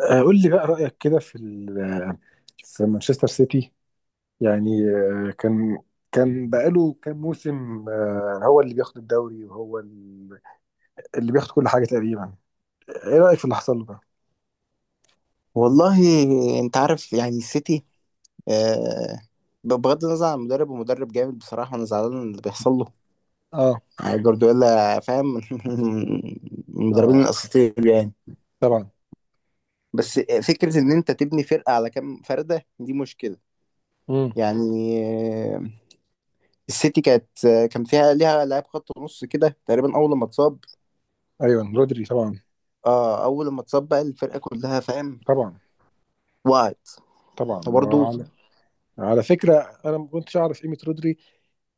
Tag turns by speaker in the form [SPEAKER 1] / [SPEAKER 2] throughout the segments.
[SPEAKER 1] قول لي بقى رأيك كده في في مانشستر سيتي يعني كان بقاله كام موسم هو اللي بياخد الدوري، وهو اللي بياخد كل حاجة تقريبا. ايه رأيك في اللي حصل له ده؟
[SPEAKER 2] والله، انت عارف يعني السيتي. آه بغض النظر عن المدرب، ومدرب جامد بصراحة. انا زعلان من اللي بيحصل له.
[SPEAKER 1] اه.
[SPEAKER 2] يعني جوارديولا فاهم من
[SPEAKER 1] اه،
[SPEAKER 2] المدربين الاساطير يعني.
[SPEAKER 1] طبعا.
[SPEAKER 2] بس فكرة ان انت تبني فرقة على كام فردة دي مشكلة.
[SPEAKER 1] امم.
[SPEAKER 2] يعني آه، السيتي كان فيها ليها لاعب خط نص كده تقريبا. اول ما اتصاب
[SPEAKER 1] ايوه، رودري طبعا.
[SPEAKER 2] اه اول ما اتصاب بقى الفرقة كلها فاهم،
[SPEAKER 1] طبعا.
[SPEAKER 2] وقعت.
[SPEAKER 1] طبعا. ما هو
[SPEAKER 2] وبرضه
[SPEAKER 1] على فكرة، انا ما كنتش اعرف قيمة رودري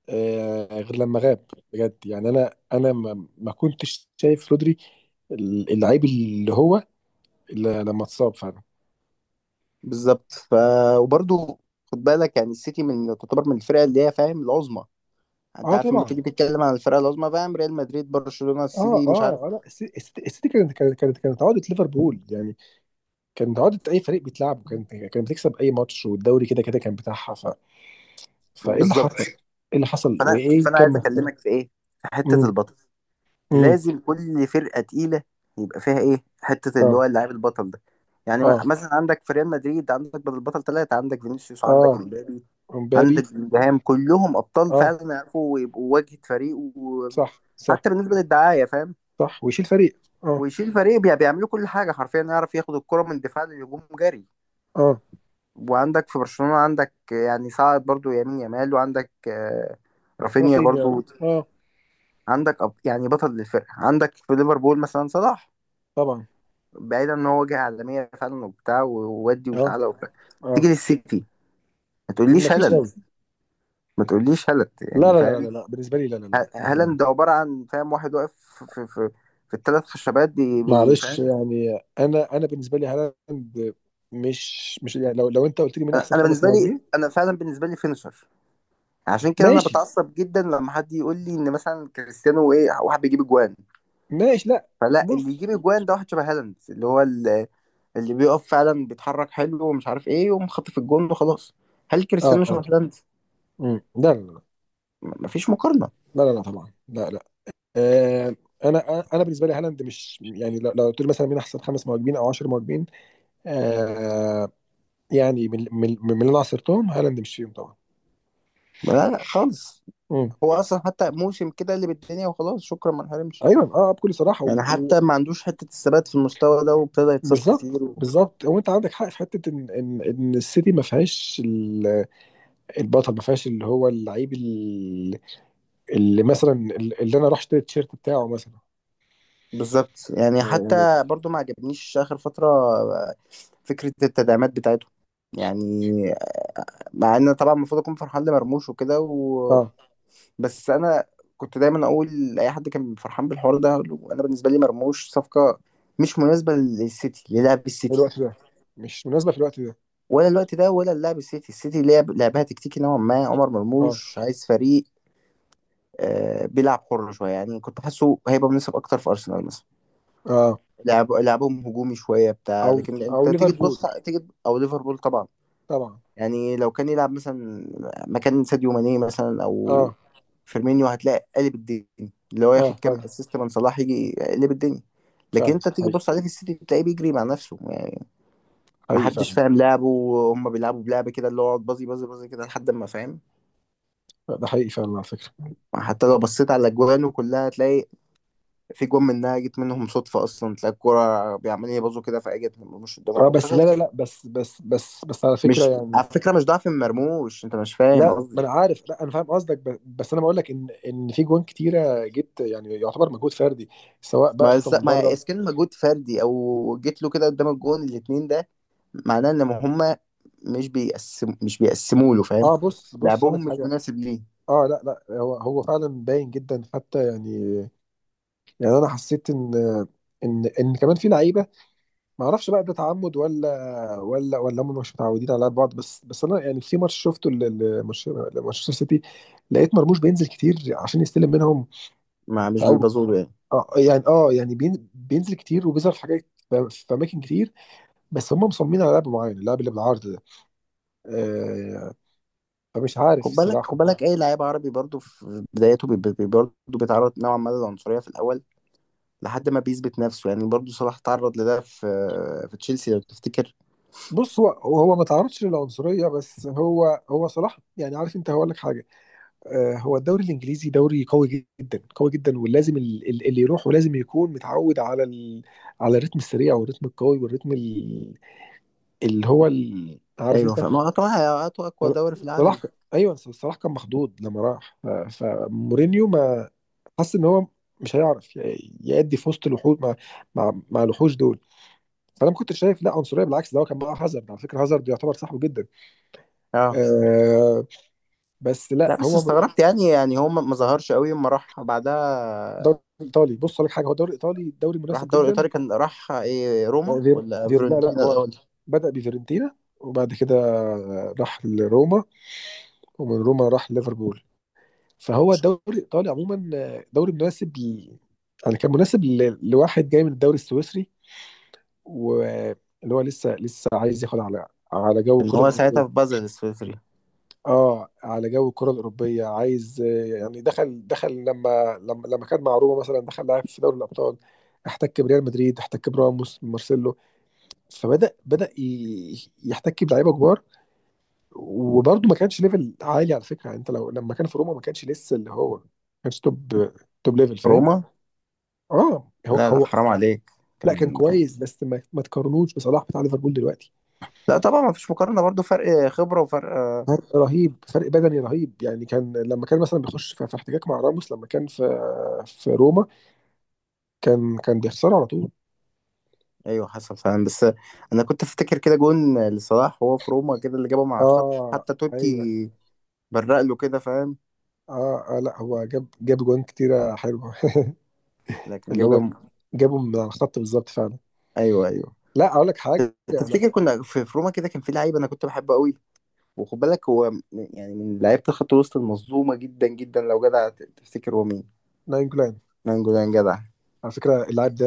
[SPEAKER 1] غير لما غاب. بجد يعني انا ما كنتش شايف رودري اللعيب اللي هو، إلا لما اتصاب فعلا.
[SPEAKER 2] بالظبط. وبرضه خد بالك، يعني السيتي من تعتبر من الفرق اللي هي فاهم العظمى. انت
[SPEAKER 1] اه،
[SPEAKER 2] عارف لما
[SPEAKER 1] طبعا.
[SPEAKER 2] تيجي تتكلم عن الفرق العظمى فاهم، ريال مدريد، برشلونة،
[SPEAKER 1] اه.
[SPEAKER 2] السيتي،
[SPEAKER 1] اه.
[SPEAKER 2] مش عارف.
[SPEAKER 1] لا، السيتي كانت عقده ليفربول يعني. كانت عقده اي فريق بيتلعبه، كانت بتكسب اي ماتش، والدوري كده كان بتاعها. فايه اللي
[SPEAKER 2] بالظبط.
[SPEAKER 1] حصل؟ ايه اللي حصل
[SPEAKER 2] فانا
[SPEAKER 1] وايه
[SPEAKER 2] فانا
[SPEAKER 1] كم.
[SPEAKER 2] عايز اكلمك في ايه، في حتة
[SPEAKER 1] امم.
[SPEAKER 2] البطل.
[SPEAKER 1] امم.
[SPEAKER 2] لازم كل فرقة تقيلة يبقى فيها ايه، حتة اللي هو
[SPEAKER 1] اه.
[SPEAKER 2] اللاعب البطل ده. يعني
[SPEAKER 1] اه.
[SPEAKER 2] مثلا عندك في ريال مدريد، عندك بدل البطل ثلاثة. عندك فينيسيوس، وعندك
[SPEAKER 1] اه،
[SPEAKER 2] امبابي،
[SPEAKER 1] امبابي.
[SPEAKER 2] عندك بلينجهام. كلهم ابطال
[SPEAKER 1] اه.
[SPEAKER 2] فعلا، يعرفوا يبقوا واجهة فريق،
[SPEAKER 1] صح صح.
[SPEAKER 2] وحتى بالنسبة للدعاية فاهم.
[SPEAKER 1] صح، ويشيل فريق، اه.
[SPEAKER 2] ويشيل فريق. بيعملوا كل حاجه حرفيا، يعرف ياخد الكره من دفاع للهجوم جري.
[SPEAKER 1] اه،
[SPEAKER 2] وعندك في برشلونه عندك يعني صاعد برضو يمين، يامال، وعندك رافينيا
[SPEAKER 1] رافينيا، اه.
[SPEAKER 2] برضو. عندك يعني بطل للفرقه. عندك في ليفربول مثلا صلاح،
[SPEAKER 1] طبعا.
[SPEAKER 2] بعيدا ان هو جه عالميه فعلا وبتاع وودي
[SPEAKER 1] اه.
[SPEAKER 2] وتعالى وبتاع.
[SPEAKER 1] اه.
[SPEAKER 2] تيجي للسيتي، ما تقوليش
[SPEAKER 1] مفيش
[SPEAKER 2] هالاند.
[SPEAKER 1] قوي.
[SPEAKER 2] ما تقوليش هالاند
[SPEAKER 1] لا
[SPEAKER 2] يعني
[SPEAKER 1] لا لا لا
[SPEAKER 2] فاهم.
[SPEAKER 1] لا، بالنسبه لي لا لا
[SPEAKER 2] ه-
[SPEAKER 1] لا لا.
[SPEAKER 2] هالاند عباره عن فاهم واحد واقف في في الثلاث خشبات.
[SPEAKER 1] معلش
[SPEAKER 2] فاهم.
[SPEAKER 1] يعني انا بالنسبه لي هالاند مش يعني، لو انت قلت لي مين
[SPEAKER 2] انا
[SPEAKER 1] احسن
[SPEAKER 2] أنا
[SPEAKER 1] خمس
[SPEAKER 2] بالنسبه لي،
[SPEAKER 1] مهاجمين.
[SPEAKER 2] انا فعلا بالنسبه لي فينشر. عشان كده انا
[SPEAKER 1] ماشي.
[SPEAKER 2] بتعصب جدا لما حد يقول لي ان مثلا كريستيانو، ايه، واحد بيجيب اجوان.
[SPEAKER 1] ماشي، لا.
[SPEAKER 2] فلا، اللي
[SPEAKER 1] بص.
[SPEAKER 2] يجيب اجوان ده واحد شبه هالاند، اللي هو ال- اللي بيقف فعلا بيتحرك حلو ومش عارف ايه، ويقوم خاطف في الجون وخلاص. هل
[SPEAKER 1] اه.
[SPEAKER 2] كريستيانو
[SPEAKER 1] اه.
[SPEAKER 2] شبه هالاند؟
[SPEAKER 1] مم. لا لا
[SPEAKER 2] مفيش مقارنة.
[SPEAKER 1] لا لا لا لا، طبعا لا لا. آه انا بالنسبه لي هالاند مش يعني، لو قلت لي مثلا مين احسن خمس مهاجمين او 10 مهاجمين. آه يعني من اللي انا عصرتهم، هالاند مش فيهم طبعا.
[SPEAKER 2] لا لا خالص.
[SPEAKER 1] مم.
[SPEAKER 2] هو اصلا حتى موسم كده اللي بالدنيا وخلاص شكرا ما انحرمش.
[SPEAKER 1] ايوه، اه، بكل صراحه
[SPEAKER 2] يعني حتى ما عندوش حتة الثبات في المستوى ده، وابتدى يتصاب كتير
[SPEAKER 1] بالظبط
[SPEAKER 2] و...
[SPEAKER 1] بالظبط، هو انت عندك حق في حته ان ان السيتي ما فيهاش البطل، ما فيهاش اللي هو اللعيب اللي مثلا، اللي انا اروح اشتري التيشيرت بتاعه مثلا.
[SPEAKER 2] بالظبط. يعني
[SPEAKER 1] يعني،
[SPEAKER 2] حتى برضو ما عجبنيش اخر فترة فكرة التدعيمات بتاعته. يعني مع ان أنا طبعا المفروض اكون فرحان لمرموش وكده و...
[SPEAKER 1] اه،
[SPEAKER 2] بس انا كنت دايما اقول لاي حد كان فرحان بالحوار ده، أقول له انا بالنسبه لي مرموش صفقه مش مناسبه للسيتي، للعب
[SPEAKER 1] في
[SPEAKER 2] السيتي.
[SPEAKER 1] الوقت ده. مش مناسبه في الوقت ده.
[SPEAKER 2] ولا الوقت ده ولا لعب السيتي. السيتي لعب لعبها تكتيكي نوعا ما، عمر
[SPEAKER 1] اه.
[SPEAKER 2] مرموش عايز فريق آه بيلعب حر شويه. يعني كنت حاسه هيبقى مناسب اكتر في ارسنال مثلا،
[SPEAKER 1] اه.
[SPEAKER 2] لعب لعبهم هجومي شويه بتاع.
[SPEAKER 1] او
[SPEAKER 2] لكن انت
[SPEAKER 1] او
[SPEAKER 2] تيجي
[SPEAKER 1] ليفربول
[SPEAKER 2] تبص، تيجي او ليفربول طبعا.
[SPEAKER 1] طبعا.
[SPEAKER 2] يعني لو كان يلعب مثلا مكان ساديو ماني مثلا او
[SPEAKER 1] اه.
[SPEAKER 2] فيرمينيو، هتلاقي قلب الدنيا. اللي هو
[SPEAKER 1] اه.
[SPEAKER 2] ياخد كام
[SPEAKER 1] فعلا.
[SPEAKER 2] اسيست من صلاح يجي يقلب الدنيا. لكن
[SPEAKER 1] فعلا
[SPEAKER 2] انت تيجي
[SPEAKER 1] حقيقي.
[SPEAKER 2] تبص عليه في السيتي تلاقيه بيجري مع نفسه يعني.
[SPEAKER 1] حقيقي فعلا.
[SPEAKER 2] محدش فاهم لعبه، وهم بيلعبوا بلعب كده اللي هو يقعد بازي بازي بازي كده لحد ما فاهم.
[SPEAKER 1] ده حقيقي فعلا، على فكره.
[SPEAKER 2] حتى لو بصيت على اجوانه كلها، تلاقي في جون منها جت منهم صدفه اصلا. تلاقي الكوره بيعملوا يبازوا كده، فاجت مش قدام
[SPEAKER 1] اه،
[SPEAKER 2] الجون
[SPEAKER 1] بس لا
[SPEAKER 2] فشاط.
[SPEAKER 1] لا لا، بس على فكره
[SPEAKER 2] مش
[SPEAKER 1] يعني.
[SPEAKER 2] على فكره، مش ضعف مرموش، انت مش فاهم
[SPEAKER 1] لا، ما
[SPEAKER 2] قصدي.
[SPEAKER 1] انا عارف، لا انا فاهم قصدك، بس انا بقول لك ان في جوان كتيره جت يعني، يعتبر مجهود فردي، سواء بقى شوطه من
[SPEAKER 2] ما
[SPEAKER 1] بره.
[SPEAKER 2] اذا كان مجهود فردي او جيت له كده قدام الجون الاثنين ده، معناه ان هم مش بيقسموا له فاهم.
[SPEAKER 1] اه، بص اقول لك
[SPEAKER 2] لعبهم مش
[SPEAKER 1] حاجه.
[SPEAKER 2] مناسب ليه.
[SPEAKER 1] اه، لا لا، هو فعلا باين جدا حتى يعني. يعني انا حسيت ان ان كمان في لعيبه، ما اعرفش بقى ده تعمد ولا هم مش متعودين على لعب بعض، بس انا يعني في ماتش شفته لمانشستر سيتي، لقيت مرموش بينزل كتير عشان يستلم منهم.
[SPEAKER 2] ما مش
[SPEAKER 1] او
[SPEAKER 2] بيبازوا له يعني.
[SPEAKER 1] يعني، اه يعني، بينزل كتير وبيظهر في حاجات، في اماكن كتير. بس هم مصممين على لعب معين، اللعب اللي بالعرض ده آه فمش عارف
[SPEAKER 2] خد بالك، خد
[SPEAKER 1] الصراحه.
[SPEAKER 2] بالك، اي لعيب عربي برضه في بدايته برضه بيتعرض نوعا ما للعنصريه في الاول لحد ما بيثبت نفسه يعني. برضه صلاح تعرض لده في تشيلسي لو تفتكر.
[SPEAKER 1] بص، هو ما تعرضش للعنصريه، بس هو صلاح يعني، عارف انت، هقول لك حاجه. هو الدوري الانجليزي دوري قوي جدا، قوي جدا، ولازم اللي يروحه لازم يكون متعود على على الريتم السريع والريتم القوي والريتم اللي هو عارف
[SPEAKER 2] ايوه
[SPEAKER 1] انت.
[SPEAKER 2] فاهم هو طبعا، هاتوا اقوى دوري في
[SPEAKER 1] صلاح.
[SPEAKER 2] العالم.
[SPEAKER 1] ايوه صلاح كان مخضوض لما راح، فمورينيو ما حس ان هو مش هيعرف يأدي في وسط الوحوش، مع مع الوحوش دول. فانا ما كنتش شايف لا عنصريه، بالعكس، ده هو كان معاه هازارد على فكره، هازارد يعتبر صاحبه جدا.
[SPEAKER 2] اه،
[SPEAKER 1] آه بس لا،
[SPEAKER 2] لا بس
[SPEAKER 1] هو
[SPEAKER 2] استغربت يعني. يعني هو ما ظهرش قوي اما راح بعدها.
[SPEAKER 1] دوري ايطالي، بص لك حاجه، هو الدوري الايطالي دوري
[SPEAKER 2] راح
[SPEAKER 1] مناسب
[SPEAKER 2] الدوري
[SPEAKER 1] جدا.
[SPEAKER 2] الإيطالي، كان راح إيه،
[SPEAKER 1] آه،
[SPEAKER 2] روما
[SPEAKER 1] غير
[SPEAKER 2] ولا
[SPEAKER 1] غير لا لا،
[SPEAKER 2] فيورنتينا
[SPEAKER 1] هو
[SPEAKER 2] الأول؟
[SPEAKER 1] بدا بفيرنتينا، وبعد كده راح لروما، ومن روما راح ليفربول. فهو الدوري الايطالي عموما دوري مناسب يعني كان مناسب لواحد جاي من الدوري السويسري، واللي هو لسه عايز ياخد على جو
[SPEAKER 2] كان هو
[SPEAKER 1] الكره.
[SPEAKER 2] ساعتها في بازل السويسري.
[SPEAKER 1] اه، على جو الكره الاوروبيه، عايز يعني دخل دخل لما كان مع روما مثلا، دخل لاعب في دوري الابطال، احتك بريال مدريد، احتك براموس، مارسيلو، فبدا يحتك بلعيبه كبار. وبرده ما كانش ليفل عالي على فكره، يعني انت لو لما كان في روما ما كانش لسه اللي هو، ما كانش توب، توب ليفل فاهم.
[SPEAKER 2] روما؟
[SPEAKER 1] اه، هو
[SPEAKER 2] لا لا
[SPEAKER 1] هو
[SPEAKER 2] حرام عليك،
[SPEAKER 1] لا كان
[SPEAKER 2] كان كان-
[SPEAKER 1] كويس، بس ما تقارنوش بصلاح بتاع ليفربول دلوقتي.
[SPEAKER 2] لا طبعا ما فيش مقارنة، برضو فرق خبرة وفرق.
[SPEAKER 1] فرق رهيب، فرق بدني رهيب يعني، كان لما كان مثلا بيخش في احتكاك مع راموس لما كان في في روما، كان بيخسره على طول.
[SPEAKER 2] ايوه حصل فعلا، بس انا كنت افتكر كده جون لصلاح وهو في روما كده اللي جابه مع الخط
[SPEAKER 1] اه.
[SPEAKER 2] حتى توتي،
[SPEAKER 1] ايوه،
[SPEAKER 2] برق له كده فاهم.
[SPEAKER 1] اه, لا هو جاب جوان كتيره حلوه.
[SPEAKER 2] لكن
[SPEAKER 1] اللي
[SPEAKER 2] جاب
[SPEAKER 1] هو
[SPEAKER 2] جنب.
[SPEAKER 1] جابه من على الخط بالظبط فعلا.
[SPEAKER 2] ايوه ايوه.
[SPEAKER 1] لا، اقول لك حاجه انا،
[SPEAKER 2] تفتكر كنا في روما كده، كان في لعيب انا كنت بحبه قوي. وخد بالك هو يعني من لعيبه الخط الوسط المظلومه جدا جدا لو جدع، تفتكر هو مين؟
[SPEAKER 1] ناين جولان،
[SPEAKER 2] مانجولان جدع.
[SPEAKER 1] على فكره اللاعب ده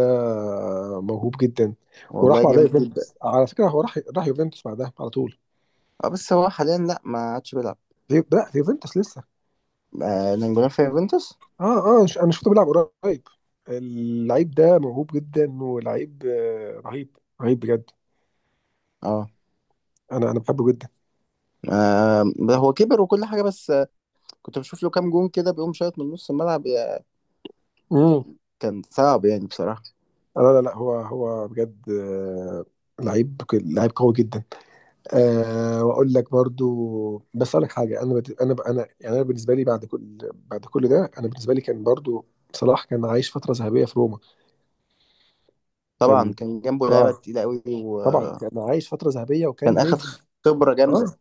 [SPEAKER 1] موهوب جدا، وراح
[SPEAKER 2] والله
[SPEAKER 1] بعدها
[SPEAKER 2] جامد
[SPEAKER 1] يوفنتوس.
[SPEAKER 2] جدا.
[SPEAKER 1] على فكره هو راح يوفنتوس بعدها على طول.
[SPEAKER 2] اه بس هو حاليا لا، ما عادش بيلعب.
[SPEAKER 1] لا، في يوفنتوس لسه.
[SPEAKER 2] آه نانجولان في يوفنتوس.
[SPEAKER 1] اه. اه. انا شفته بيلعب قريب. اللعيب ده موهوب جدا، ولعيب رهيب، رهيب بجد.
[SPEAKER 2] اه،
[SPEAKER 1] انا بحبه جدا.
[SPEAKER 2] آه، هو كبر وكل حاجة. بس كنت بشوف له كام جون كده بيقوم شايط من نص الملعب يا-
[SPEAKER 1] امم.
[SPEAKER 2] كان صعب يعني بصراحة.
[SPEAKER 1] لا لا لا، هو بجد لعيب لعيب قوي جدا. أه، واقول لك برضو، بس اقول لك حاجه، انا يعني انا بالنسبه لي، بعد كل ده، انا بالنسبه لي كان برضو صلاح كان عايش فتره ذهبيه في روما. كان.
[SPEAKER 2] طبعا كان جنبه لعيبة
[SPEAKER 1] اه.
[SPEAKER 2] تقيلة قوي،
[SPEAKER 1] طبعا
[SPEAKER 2] وكان
[SPEAKER 1] كان عايش فتره ذهبيه وكان
[SPEAKER 2] أخد
[SPEAKER 1] نجم.
[SPEAKER 2] خبرة
[SPEAKER 1] اه.
[SPEAKER 2] جامدة.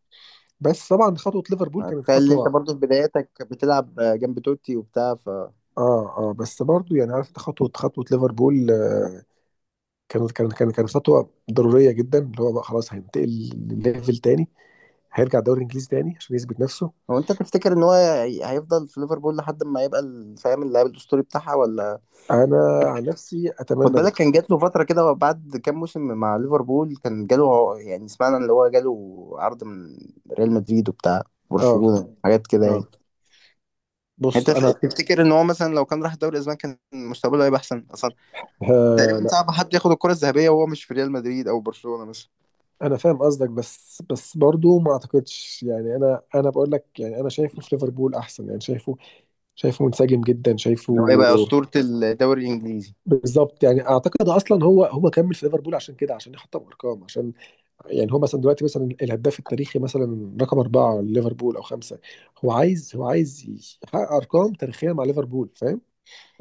[SPEAKER 1] بس طبعا خطوه ليفربول كانت
[SPEAKER 2] تخيل إن أنت
[SPEAKER 1] خطوه.
[SPEAKER 2] برضه في بداياتك بتلعب جنب توتي وبتاع.
[SPEAKER 1] اه. اه. بس برضو يعني، عارف انت، خطوه ليفربول كانت خطوه ضروريه جدا، اللي هو بقى خلاص هينتقل لليفل تاني، هيرجع الدوري الانجليزي تاني عشان يثبت نفسه.
[SPEAKER 2] هو أنت تفتكر إن هو هيفضل في ليفربول لحد ما يبقى ال- فاهم اللاعب الأسطوري بتاعها ولا؟
[SPEAKER 1] انا عن نفسي
[SPEAKER 2] خد
[SPEAKER 1] اتمنى ده.
[SPEAKER 2] بالك كان جات له فترة كده بعد كام موسم مع ليفربول، كان جاله يعني سمعنا اللي هو جاله عرض من ريال مدريد وبتاع
[SPEAKER 1] اه.
[SPEAKER 2] برشلونة حاجات كده
[SPEAKER 1] اه.
[SPEAKER 2] يعني.
[SPEAKER 1] بص
[SPEAKER 2] انت
[SPEAKER 1] انا.
[SPEAKER 2] تفتكر ان هو مثلا لو كان راح الدوري الاسباني كان مستقبله هيبقى احسن اصلا؟ تقريبا
[SPEAKER 1] لا،
[SPEAKER 2] صعب حد ياخد الكرة الذهبية وهو مش في ريال مدريد او برشلونة مثلا.
[SPEAKER 1] انا فاهم قصدك، بس برضو ما اعتقدش يعني، انا بقول لك، يعني انا شايفه في ليفربول احسن، يعني شايفه، شايفه منسجم جدا،
[SPEAKER 2] ان هو
[SPEAKER 1] شايفه.
[SPEAKER 2] يبقى اسطورة الدوري الانجليزي.
[SPEAKER 1] بالظبط، يعني اعتقد اصلا هو كمل في ليفربول عشان كده، عشان يحطم ارقام، عشان يعني هو مثلا دلوقتي مثلا الهداف التاريخي مثلا رقم أربعة ليفربول أو خمسة. هو عايز يحقق أرقام تاريخية مع ليفربول، فاهم،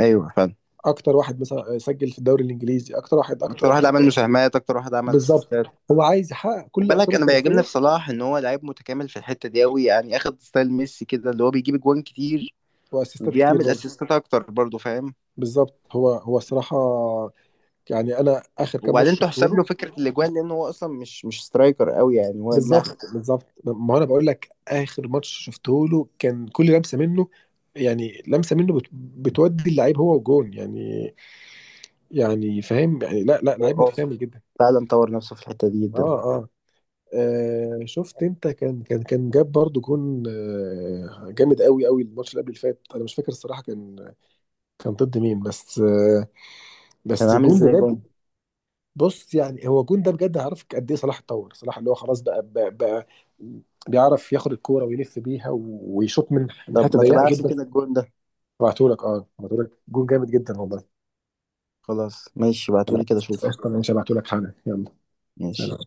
[SPEAKER 2] ايوه فعلا.
[SPEAKER 1] أكتر واحد مثلا سجل في الدوري الإنجليزي، أكتر واحد،
[SPEAKER 2] اكتر
[SPEAKER 1] أكتر واحد
[SPEAKER 2] واحد عمل
[SPEAKER 1] أكتر.
[SPEAKER 2] مساهمات، اكتر واحد عمل
[SPEAKER 1] بالظبط،
[SPEAKER 2] اسيستات.
[SPEAKER 1] هو عايز يحقق كل
[SPEAKER 2] خد
[SPEAKER 1] الأرقام
[SPEAKER 2] بالك انا بيعجبني
[SPEAKER 1] التاريخية.
[SPEAKER 2] في صلاح ان هو لعيب متكامل في الحتة دي قوي. يعني اخد ستايل ميسي كده، اللي هو بيجيب جوان كتير
[SPEAKER 1] وأسيستات كتير
[SPEAKER 2] وبيعمل
[SPEAKER 1] برضه.
[SPEAKER 2] اسيستات اكتر برضه فاهم.
[SPEAKER 1] بالظبط، هو الصراحة، يعني أنا آخر كام ماتش
[SPEAKER 2] وبعدين
[SPEAKER 1] شفته
[SPEAKER 2] تحسب
[SPEAKER 1] له.
[SPEAKER 2] له فكره الاجوان، لان هو اصلا مش سترايكر قوي، يعني هو جناح.
[SPEAKER 1] بالظبط بالظبط، ما أنا بقول لك، آخر ماتش شفته له كان كل لمسة منه، يعني لمسه منه بتودي اللعيب هو وجون، يعني يعني فاهم يعني، لا لا،
[SPEAKER 2] هو
[SPEAKER 1] لعيب
[SPEAKER 2] اه،
[SPEAKER 1] متكامل جدا.
[SPEAKER 2] فعلا طور نفسه في الحته دي جدا.
[SPEAKER 1] اه. اه. شفت انت، كان جاب برضو جون جامد قوي قوي، الماتش اللي قبل اللي فات انا مش فاكر الصراحه، كان كان ضد مين، بس
[SPEAKER 2] كان
[SPEAKER 1] بس
[SPEAKER 2] عامل
[SPEAKER 1] الجون ده
[SPEAKER 2] ازاي
[SPEAKER 1] بجد.
[SPEAKER 2] جون؟
[SPEAKER 1] بص يعني، هو الجون ده بجد، عارف قد ايه صلاح اتطور، صلاح اللي هو خلاص بقى بيعرف ياخد الكوره ويلف بيها ويشوط من
[SPEAKER 2] طب
[SPEAKER 1] حته
[SPEAKER 2] ما
[SPEAKER 1] ضيقه
[SPEAKER 2] تبعت لي
[SPEAKER 1] جدا.
[SPEAKER 2] كده الجون ده؟
[SPEAKER 1] هبعتهولك. اه، هبعتهولك جون جامد جدا والله.
[SPEAKER 2] خلاص ماشي،
[SPEAKER 1] خلاص،
[SPEAKER 2] بعتولي كده اشوفه.
[SPEAKER 1] قشطه، ماشي، هبعتهولك حالا، يلا.
[SPEAKER 2] ماشي.
[SPEAKER 1] سلام.